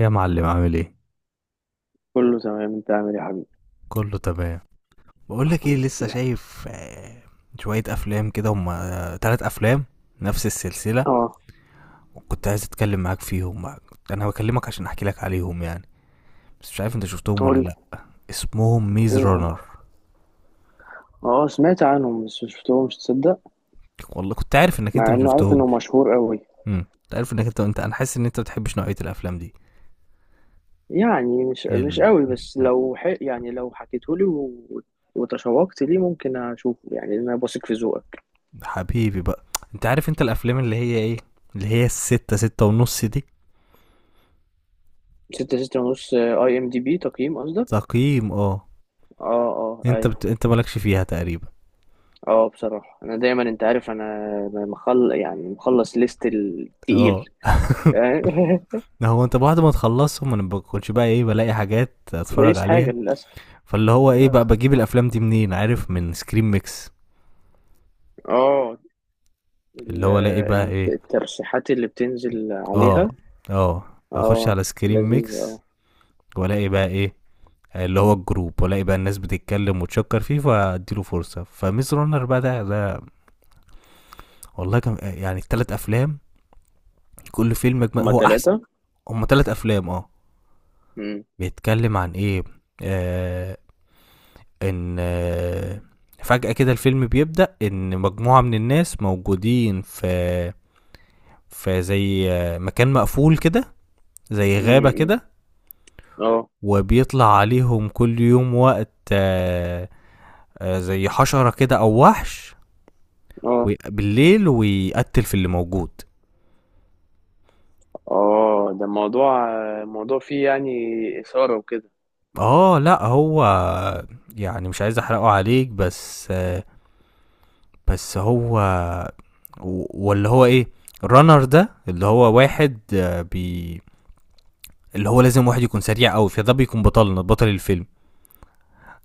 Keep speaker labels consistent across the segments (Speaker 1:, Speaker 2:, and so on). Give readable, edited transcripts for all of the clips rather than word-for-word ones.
Speaker 1: يا معلم، عامل ايه؟
Speaker 2: كله تمام، انت عامل ايه يا حبيبي؟
Speaker 1: كله تمام. بقولك ايه،
Speaker 2: الحمد
Speaker 1: لسه
Speaker 2: لله.
Speaker 1: شايف شوية افلام كده، هما تلات افلام، نفس السلسلة،
Speaker 2: اه.
Speaker 1: وكنت عايز اتكلم معاك فيهم بقى. انا بكلمك عشان احكي لك عليهم يعني، بس مش عارف انت شفتهم ولا
Speaker 2: قول لي.
Speaker 1: لا. اسمهم ميز
Speaker 2: ايه هم؟
Speaker 1: رانر.
Speaker 2: اه، سمعت عنهم بس مشفتهمش، تصدق؟
Speaker 1: والله كنت عارف انك انت
Speaker 2: مع
Speaker 1: ما
Speaker 2: انه عارف انه
Speaker 1: شفتهمش.
Speaker 2: مشهور قوي.
Speaker 1: كنت عارف انك انت انت انا حاسس ان انت ما بتحبش نوعية الافلام دي.
Speaker 2: يعني مش
Speaker 1: ال...
Speaker 2: قوي، بس لو يعني لو حكيتهولي و... وتشوقت ليه، ممكن اشوفه يعني، لأن انا بثق في ذوقك.
Speaker 1: حبيبي بقى، انت عارف، انت الافلام اللي هي ايه، اللي هي الستة، ستة ونص دي.
Speaker 2: ستة 6.5 IMDB تقييم قصدك؟
Speaker 1: تقييم اه.
Speaker 2: اه، اه، ايوه.
Speaker 1: انت مالكش فيها تقريبا.
Speaker 2: اه، بصراحة انا دايما انت عارف انا. مخلص ليست التقيل.
Speaker 1: اه هو انت بعد ما تخلصهم انا بكونش بقى ايه بلاقي حاجات اتفرج
Speaker 2: تلاقيش حاجة،
Speaker 1: عليها،
Speaker 2: للأسف.
Speaker 1: فاللي هو ايه بقى
Speaker 2: للأسف.
Speaker 1: بجيب الافلام دي منين؟ عارف، من سكرين ميكس.
Speaker 2: اه.
Speaker 1: اللي
Speaker 2: ال-
Speaker 1: هو الاقي بقى ايه.
Speaker 2: الترشيحات اللي بتنزل
Speaker 1: اه
Speaker 2: عليها.
Speaker 1: اه، اخش
Speaker 2: اه.
Speaker 1: على سكرين
Speaker 2: لذيذة، اه.
Speaker 1: ميكس والاقي بقى ايه، اللي هو الجروب، والاقي بقى الناس بتتكلم وتشكر فيه، فاديله فرصة. فميز رونر بقى، ده والله كان يعني التلات افلام، كل فيلم
Speaker 2: هما
Speaker 1: هو احسن.
Speaker 2: تلاتة.
Speaker 1: هما تلات افلام اه.
Speaker 2: مم.
Speaker 1: بيتكلم عن ايه؟ آه، ان فجأة كده الفيلم بيبدأ، ان مجموعة من الناس موجودين في زي مكان مقفول كده، زي غابة
Speaker 2: مم.
Speaker 1: كده،
Speaker 2: اه،
Speaker 1: وبيطلع عليهم كل يوم وقت زي حشرة كده او وحش،
Speaker 2: اه،
Speaker 1: بالليل، ويقتل في اللي موجود.
Speaker 2: اه، ده موضوع فيه يعني إثارة وكده.
Speaker 1: اه لا، هو يعني مش عايز احرقه عليك بس بس هو ولا هو ايه، رانر ده اللي هو واحد، آه، بي اللي هو لازم واحد يكون سريع قوي، فده بيكون بطلنا، بطل الفيلم،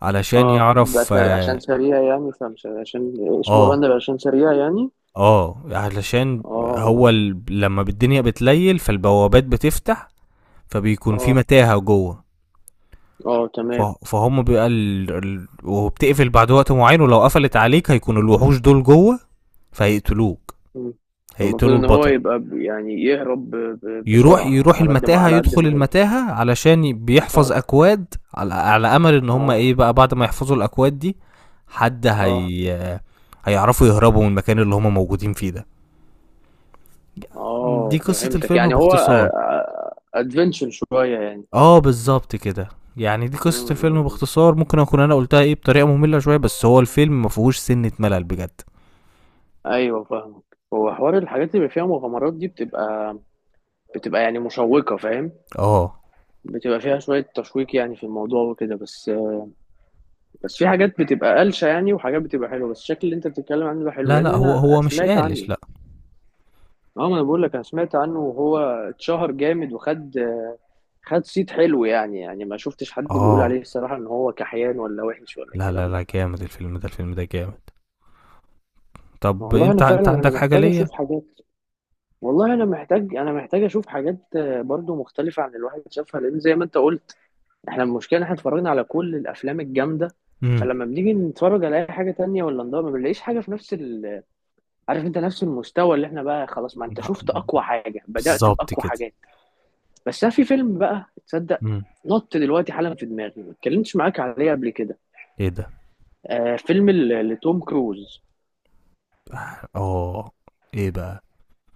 Speaker 1: علشان
Speaker 2: اه،
Speaker 1: يعرف
Speaker 2: بس
Speaker 1: اه.
Speaker 2: عشان سريع يعني، فمش عشان اسمه
Speaker 1: اه,
Speaker 2: رنر، عشان سريع يعني.
Speaker 1: علشان
Speaker 2: اه،
Speaker 1: هو
Speaker 2: اه.
Speaker 1: لما الدنيا بتليل فالبوابات بتفتح، فبيكون في
Speaker 2: اه،
Speaker 1: متاهة جوه.
Speaker 2: اه، تمام.
Speaker 1: فهم بيبقى وبتقفل بعد وقت معين، ولو قفلت عليك هيكون الوحوش دول جوه، فهيقتلوك.
Speaker 2: مم. المفروض
Speaker 1: هيقتلوا
Speaker 2: ان هو
Speaker 1: البطل.
Speaker 2: يبقى يعني يهرب
Speaker 1: يروح
Speaker 2: بسرعة،
Speaker 1: يروح
Speaker 2: على قد ما
Speaker 1: المتاهة،
Speaker 2: على قد
Speaker 1: يدخل
Speaker 2: ما يقدر.
Speaker 1: المتاهة علشان بيحفظ
Speaker 2: اه،
Speaker 1: أكواد، على أمل إن هم
Speaker 2: اه،
Speaker 1: إيه بقى بعد ما يحفظوا الأكواد دي، حد
Speaker 2: اه،
Speaker 1: هي هيعرفوا يهربوا من المكان اللي هما موجودين فيه ده. دي
Speaker 2: اه،
Speaker 1: قصة
Speaker 2: فهمتك
Speaker 1: الفيلم
Speaker 2: يعني، هو
Speaker 1: باختصار.
Speaker 2: ادفنتشر شويه يعني.
Speaker 1: اه بالظبط كده. يعني دي
Speaker 2: م-
Speaker 1: قصة
Speaker 2: م-
Speaker 1: الفيلم
Speaker 2: م.
Speaker 1: باختصار، ممكن اكون انا قلتها ايه بطريقة مملة شوية، بس هو الفيلم ما فيهوش سنة ملل بجد.
Speaker 2: ايوه، فاهمك. هو حوار الحاجات اللي بيبقى فيها مغامرات دي بتبقى يعني مشوقه، فاهم؟
Speaker 1: اه
Speaker 2: بتبقى فيها شويه تشويق يعني في الموضوع وكده، بس. بس في حاجات بتبقى قلشه يعني، وحاجات بتبقى حلوه، بس الشكل اللي انت بتتكلم عنه ده حلو،
Speaker 1: لا
Speaker 2: لان
Speaker 1: لا، هو
Speaker 2: انا
Speaker 1: هو مش
Speaker 2: سمعت عنه.
Speaker 1: قالش لا.
Speaker 2: اه، ما انا بقول لك انا سمعت عنه، وهو اتشهر جامد، وخد. خد صيت حلو يعني ما شفتش حد بيقول
Speaker 1: اه
Speaker 2: عليه الصراحه ان هو كحيان، ولا وحش، ولا
Speaker 1: لا لا
Speaker 2: الكلام ده.
Speaker 1: لا، جامد الفيلم ده، الفيلم ده جامد. طب
Speaker 2: والله
Speaker 1: انت
Speaker 2: انا
Speaker 1: انت
Speaker 2: فعلا، انا
Speaker 1: عندك حاجة
Speaker 2: محتاج
Speaker 1: ليا؟
Speaker 2: اشوف حاجات. والله انا محتاج اشوف حاجات، برضو مختلفه عن اللي الواحد شافها، لان زي ما انت قلت. احنا المشكله إن احنا اتفرجنا على كل الافلام الجامده.
Speaker 1: امم
Speaker 2: فلما بنيجي نتفرج على اي حاجه تانية ولا نضرب، ما بنلاقيش حاجه عارف انت نفس المستوى اللي احنا بقى خلاص، ما انت شفت اقوى حاجه، بدات
Speaker 1: بالظبط
Speaker 2: باقوى
Speaker 1: كده.
Speaker 2: حاجات. بس أنا في فيلم بقى، تصدق؟
Speaker 1: امم
Speaker 2: نط دلوقتي حالا في دماغي، ما اتكلمتش معاك عليه قبل كده.
Speaker 1: ايه ده؟
Speaker 2: فيلم ل- لتوم كروز.
Speaker 1: اه ايه بقى؟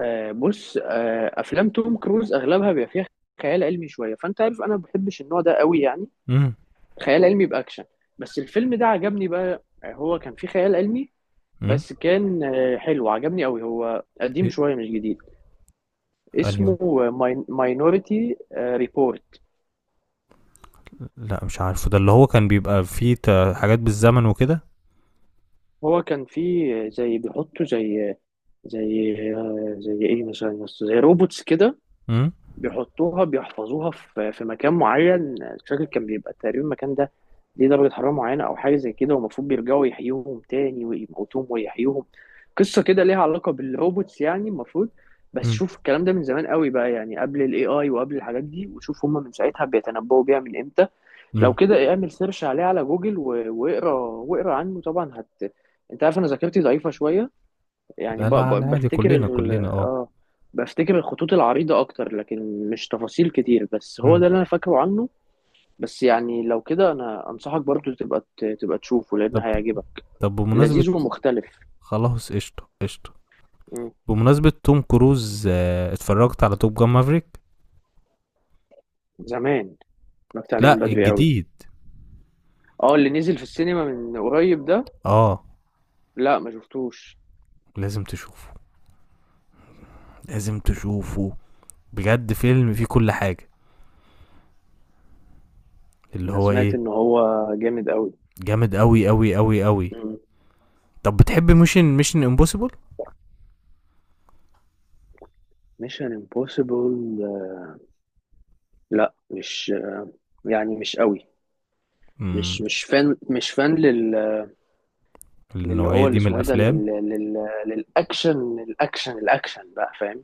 Speaker 2: بص، افلام توم كروز اغلبها بيبقى فيها خيال علمي شويه، فانت عارف انا ما بحبش النوع ده قوي يعني.
Speaker 1: امم
Speaker 2: خيال علمي باكشن. بس الفيلم ده عجبني بقى، هو كان فيه خيال علمي.
Speaker 1: امم
Speaker 2: بس كان حلو، عجبني قوي، هو قديم
Speaker 1: إيه؟
Speaker 2: شويه، مش جديد.
Speaker 1: انهي؟
Speaker 2: اسمه ماينوريتي ريبورت.
Speaker 1: لأ مش عارفه، ده اللي هو كان بيبقى فيه حاجات بالزمن وكده؟
Speaker 2: هو كان فيه زي بيحطوا زي، زي ايه مثلا يا اسطى؟ زي روبوتس كده.
Speaker 1: إمم،
Speaker 2: بيحطوها بيحفظوها في مكان معين، مش فاكر كان بيبقى تقريبا المكان ده ليه درجة حرارة معينة، أو حاجة زي كده، والمفروض بيرجعوا يحيوهم تاني ويموتوهم ويحيوهم. قصة كده ليها علاقة بالروبوتس يعني المفروض. بس
Speaker 1: إمم،
Speaker 2: شوف الكلام ده من زمان قوي بقى يعني، قبل الاي اي وقبل الحاجات دي، وشوف هما من ساعتها بيتنبؤوا بيها من امتى. لو
Speaker 1: إمم،
Speaker 2: كده اعمل سيرش عليه على جوجل و- واقرا عنه طبعا، هت. انت عارف انا ذاكرتي ضعيفة شوية. يعني
Speaker 1: لا، لا، على عادي،
Speaker 2: بفتكر
Speaker 1: كلّنا، كلّنا
Speaker 2: اه، بفتكر الخطوط العريضة أكتر، لكن مش تفاصيل كتير، بس هو
Speaker 1: إمم،
Speaker 2: ده اللي أنا فاكره عنه. بس يعني لو كده، أنا أنصحك برضو تبقى تبقى تشوفه، لأن
Speaker 1: طب
Speaker 2: هيعجبك.
Speaker 1: طب بمناسبة،
Speaker 2: لذيذ ومختلف.
Speaker 1: خلاص قشطة، قشطة،
Speaker 2: مم.
Speaker 1: بمناسبة توم كروز اتفرّجت على Top Gun Maverick؟
Speaker 2: زمان. اتفرجت عليه من
Speaker 1: لأ
Speaker 2: بدري قوي.
Speaker 1: الجديد،
Speaker 2: اه، اللي نزل في السينما من قريب ده.
Speaker 1: آه،
Speaker 2: لا، ما شفتوش.
Speaker 1: لازم تشوفه، لازم تشوفه، بجد فيلم فيه كل حاجة، اللي
Speaker 2: أنا
Speaker 1: هو
Speaker 2: سمعت
Speaker 1: إيه،
Speaker 2: إن هو جامد قوي.
Speaker 1: جامد أوي، أوي، أوي، أوي. طب بتحب Mission Impossible؟
Speaker 2: ميشن امبوسيبل. لا، مش، يعني مش قوي.
Speaker 1: إمم،
Speaker 2: مش فان، مش فان. اللي
Speaker 1: النوعية
Speaker 2: هو اللي
Speaker 1: دي من
Speaker 2: اسمه ايه ده،
Speaker 1: الأفلام؟
Speaker 2: للاكشن، الاكشن بقى، فاهم؟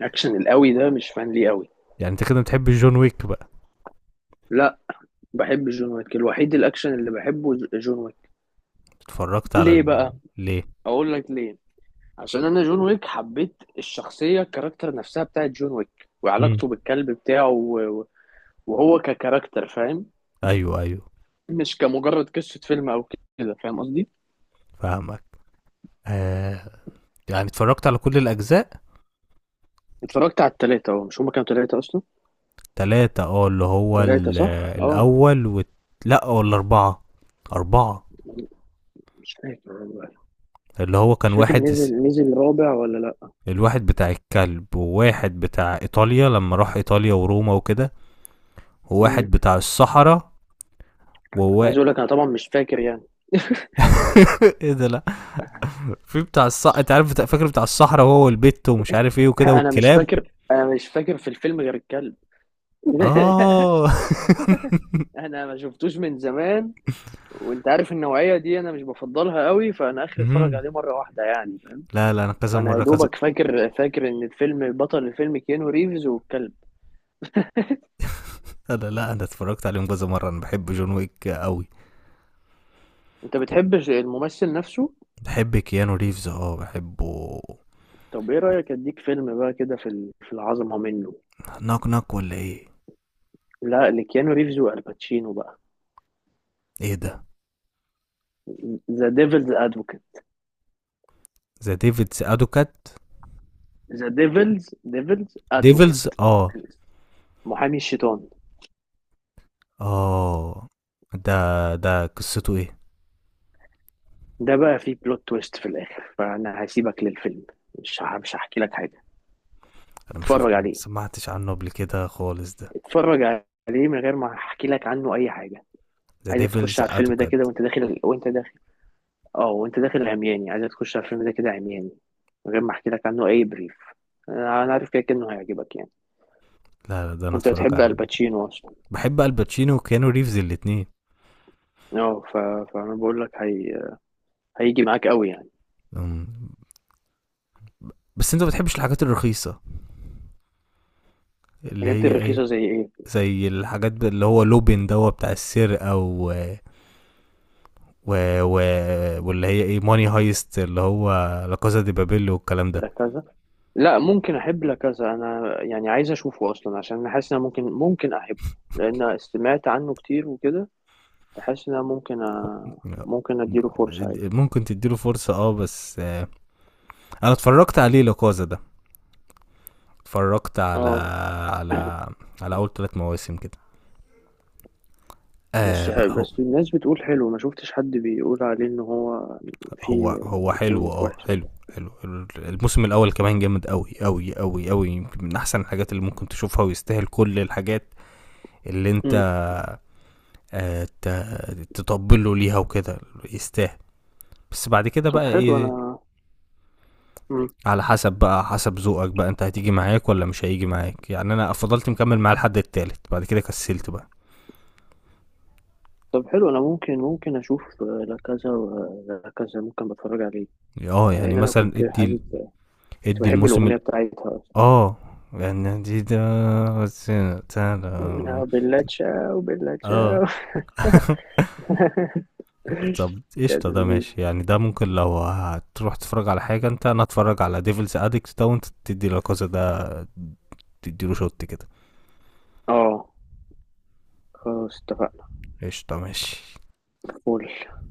Speaker 2: الاكشن القوي ده مش فان ليه قوي.
Speaker 1: يعني أنت كده ما بتحبش John Wick بقى.
Speaker 2: لا، بحب جون ويك، الوحيد الاكشن اللي بحبه جون ويك.
Speaker 1: اتفرجت على
Speaker 2: ليه بقى؟
Speaker 1: ليه؟
Speaker 2: اقول لك ليه. عشان انا جون ويك حبيت الشخصيه، الكاركتر نفسها بتاعت جون ويك،
Speaker 1: امم
Speaker 2: وعلاقته بالكلب بتاعه، وهو ككاركتر، فاهم.
Speaker 1: ايوه ايوه،
Speaker 2: مش كمجرد قصه فيلم او كده، فاهم قصدي.
Speaker 1: فاهمك. آه يعني اتفرجت على كل الاجزاء.
Speaker 2: اتفرجت على التلاتة، اهو مش هما كانوا تلاتة اصلا.
Speaker 1: تلاتة اه، اللي هو
Speaker 2: تلاتة، صح، اه.
Speaker 1: الاول لا ولا اربعة. اربعة.
Speaker 2: مش فاكر والله.
Speaker 1: اللي هو كان
Speaker 2: مش فاكر،
Speaker 1: واحد،
Speaker 2: نزل رابع ولا لا.
Speaker 1: الواحد بتاع الكلب، وواحد بتاع ايطاليا لما راح ايطاليا وروما وكده، وواحد
Speaker 2: امم.
Speaker 1: بتاع الصحراء. ووا
Speaker 2: عايز اقول لك انا طبعا مش فاكر يعني.
Speaker 1: ايه ده لا. في بتاع الصحراء انت عارف فاكر بتاع الصحراء، وهو والبت، ومش عارف ايه وكده،
Speaker 2: انا مش
Speaker 1: والكلاب.
Speaker 2: فاكر، انا مش فاكر في الفيلم غير الكلب.
Speaker 1: اه
Speaker 2: انا ما شفتوش من زمان. وانت عارف النوعيه دي انا مش بفضلها قوي، فانا اخر اتفرج
Speaker 1: مم.
Speaker 2: عليه مره واحده يعني.
Speaker 1: لا لا، انا كذا
Speaker 2: فانا يا
Speaker 1: مره كذا.
Speaker 2: دوبك فاكر، فاكر ان الفيلم بطل الفيلم كيانو ريفز والكلب.
Speaker 1: انا لا انا اتفرجت عليهم كذا مره، انا بحب جون ويك قوي.
Speaker 2: انت بتحب الممثل نفسه.
Speaker 1: بحب كيانو ريفز، اه بحبه.
Speaker 2: طب ايه رايك اديك فيلم بقى كده، في في العظمه منه.
Speaker 1: ناك ناك ولا ايه؟
Speaker 2: لا، لكيانو ريفز والباتشينو بقى.
Speaker 1: ايه ده؟
Speaker 2: ذا ديفلز ادفوكيت.
Speaker 1: ذا ديفيدز ادوكات.
Speaker 2: ذا ديفلز
Speaker 1: ديفلز
Speaker 2: ادفوكيت.
Speaker 1: اه.
Speaker 2: محامي الشيطان.
Speaker 1: اه ده ده قصته ايه؟
Speaker 2: ده بقى فيه بلوت تويست في الاخر، فانا هسيبك للفيلم. مش هحكي لك حاجه.
Speaker 1: انا مش
Speaker 2: اتفرج
Speaker 1: شفت- ما
Speaker 2: عليه.
Speaker 1: سمعتش عنه قبل كده خالص ده.
Speaker 2: اتفرج عليه من غير ما احكي لك عنه اي حاجه.
Speaker 1: ذا
Speaker 2: عايزك تخش
Speaker 1: ديفلز
Speaker 2: على الفيلم ده كده،
Speaker 1: ادوكات.
Speaker 2: وانت داخل، وانت داخل. اه، وانت داخل عمياني، عايزك تخش على الفيلم ده كده عمياني. من غير ما احكي لك عنه اي بريف. أنا عارف كده كده انه هيعجبك يعني.
Speaker 1: لا لا، ده انا
Speaker 2: وانت
Speaker 1: اتفرج
Speaker 2: بتحب
Speaker 1: عليه.
Speaker 2: الباتشينو اصلا.
Speaker 1: بحب الباتشينو وكيانو ريفز الاتنين.
Speaker 2: اه، فانا بقول لك، هيجي معاك قوي يعني.
Speaker 1: أمم. بس انت ما بتحبش الحاجات الرخيصه، اللي
Speaker 2: الحاجات
Speaker 1: هي ايه،
Speaker 2: الرخيصه زي ايه؟
Speaker 1: زي الحاجات اللي هو لوبين دوا بتاع السرقة و... و... واللي هي ايه ماني هايست، اللي هو لا كازا دي بابيل والكلام ده.
Speaker 2: لا، كذا. لا، ممكن احب لكذا انا يعني، عايز اشوفه اصلا، عشان انا حاسس ان أنا ممكن احبه. لان سمعت عنه كتير وكده. فحاسس ان انا ممكن ممكن اديله فرصة عادي.
Speaker 1: ممكن تديله فرصة اه، بس انا اتفرجت عليه لا كازا ده. اتفرجت
Speaker 2: اه.
Speaker 1: على على اول ثلاث مواسم كده. آه
Speaker 2: بس
Speaker 1: بقى، هو
Speaker 2: بس الناس بتقول حلو، ما شفتش حد بيقول عليه ان هو
Speaker 1: هو
Speaker 2: في
Speaker 1: هو حلو،
Speaker 2: في
Speaker 1: اه
Speaker 2: وحش أو
Speaker 1: حلو
Speaker 2: حاجة.
Speaker 1: حلو. الموسم الاول كمان جامد، قوي قوي قوي قوي، يمكن من احسن الحاجات اللي ممكن تشوفها، ويستاهل كل الحاجات اللي انت
Speaker 2: مم.
Speaker 1: تطبله ليها وكده. يستاهل. بس بعد كده
Speaker 2: طب
Speaker 1: بقى
Speaker 2: حلو
Speaker 1: ايه،
Speaker 2: انا. مم.
Speaker 1: على حسب بقى، حسب ذوقك بقى، انت هتيجي معاك ولا مش هيجي معاك. يعني انا فضلت مكمل معاه لحد التالت، بعد كده كسلت بقى.
Speaker 2: طب حلو انا ممكن اشوف لكذا ولكذا، ممكن بتفرج عليه.
Speaker 1: اه يعني
Speaker 2: لان انا
Speaker 1: مثلا
Speaker 2: كنت
Speaker 1: ادي
Speaker 2: حابب. كنت
Speaker 1: ادي
Speaker 2: بحب
Speaker 1: الموسم
Speaker 2: الاغنيه بتاعتها أصلاً.
Speaker 1: اه، يعني ده سنة- سنة-
Speaker 2: بلا تشاو بلا
Speaker 1: اه
Speaker 2: تشاو.
Speaker 1: طب
Speaker 2: يا
Speaker 1: قشطة، ده
Speaker 2: لذيذ.
Speaker 1: ماشي يعني، ده ممكن لو هتروح تتفرج على حاجة انت، انا اتفرج على ديفلز اديكت ده، وانت تدي لاكازا ده، تديله شوت كده.
Speaker 2: اه. خلاص، اتفقنا.
Speaker 1: قشطة ماشي.
Speaker 2: فول.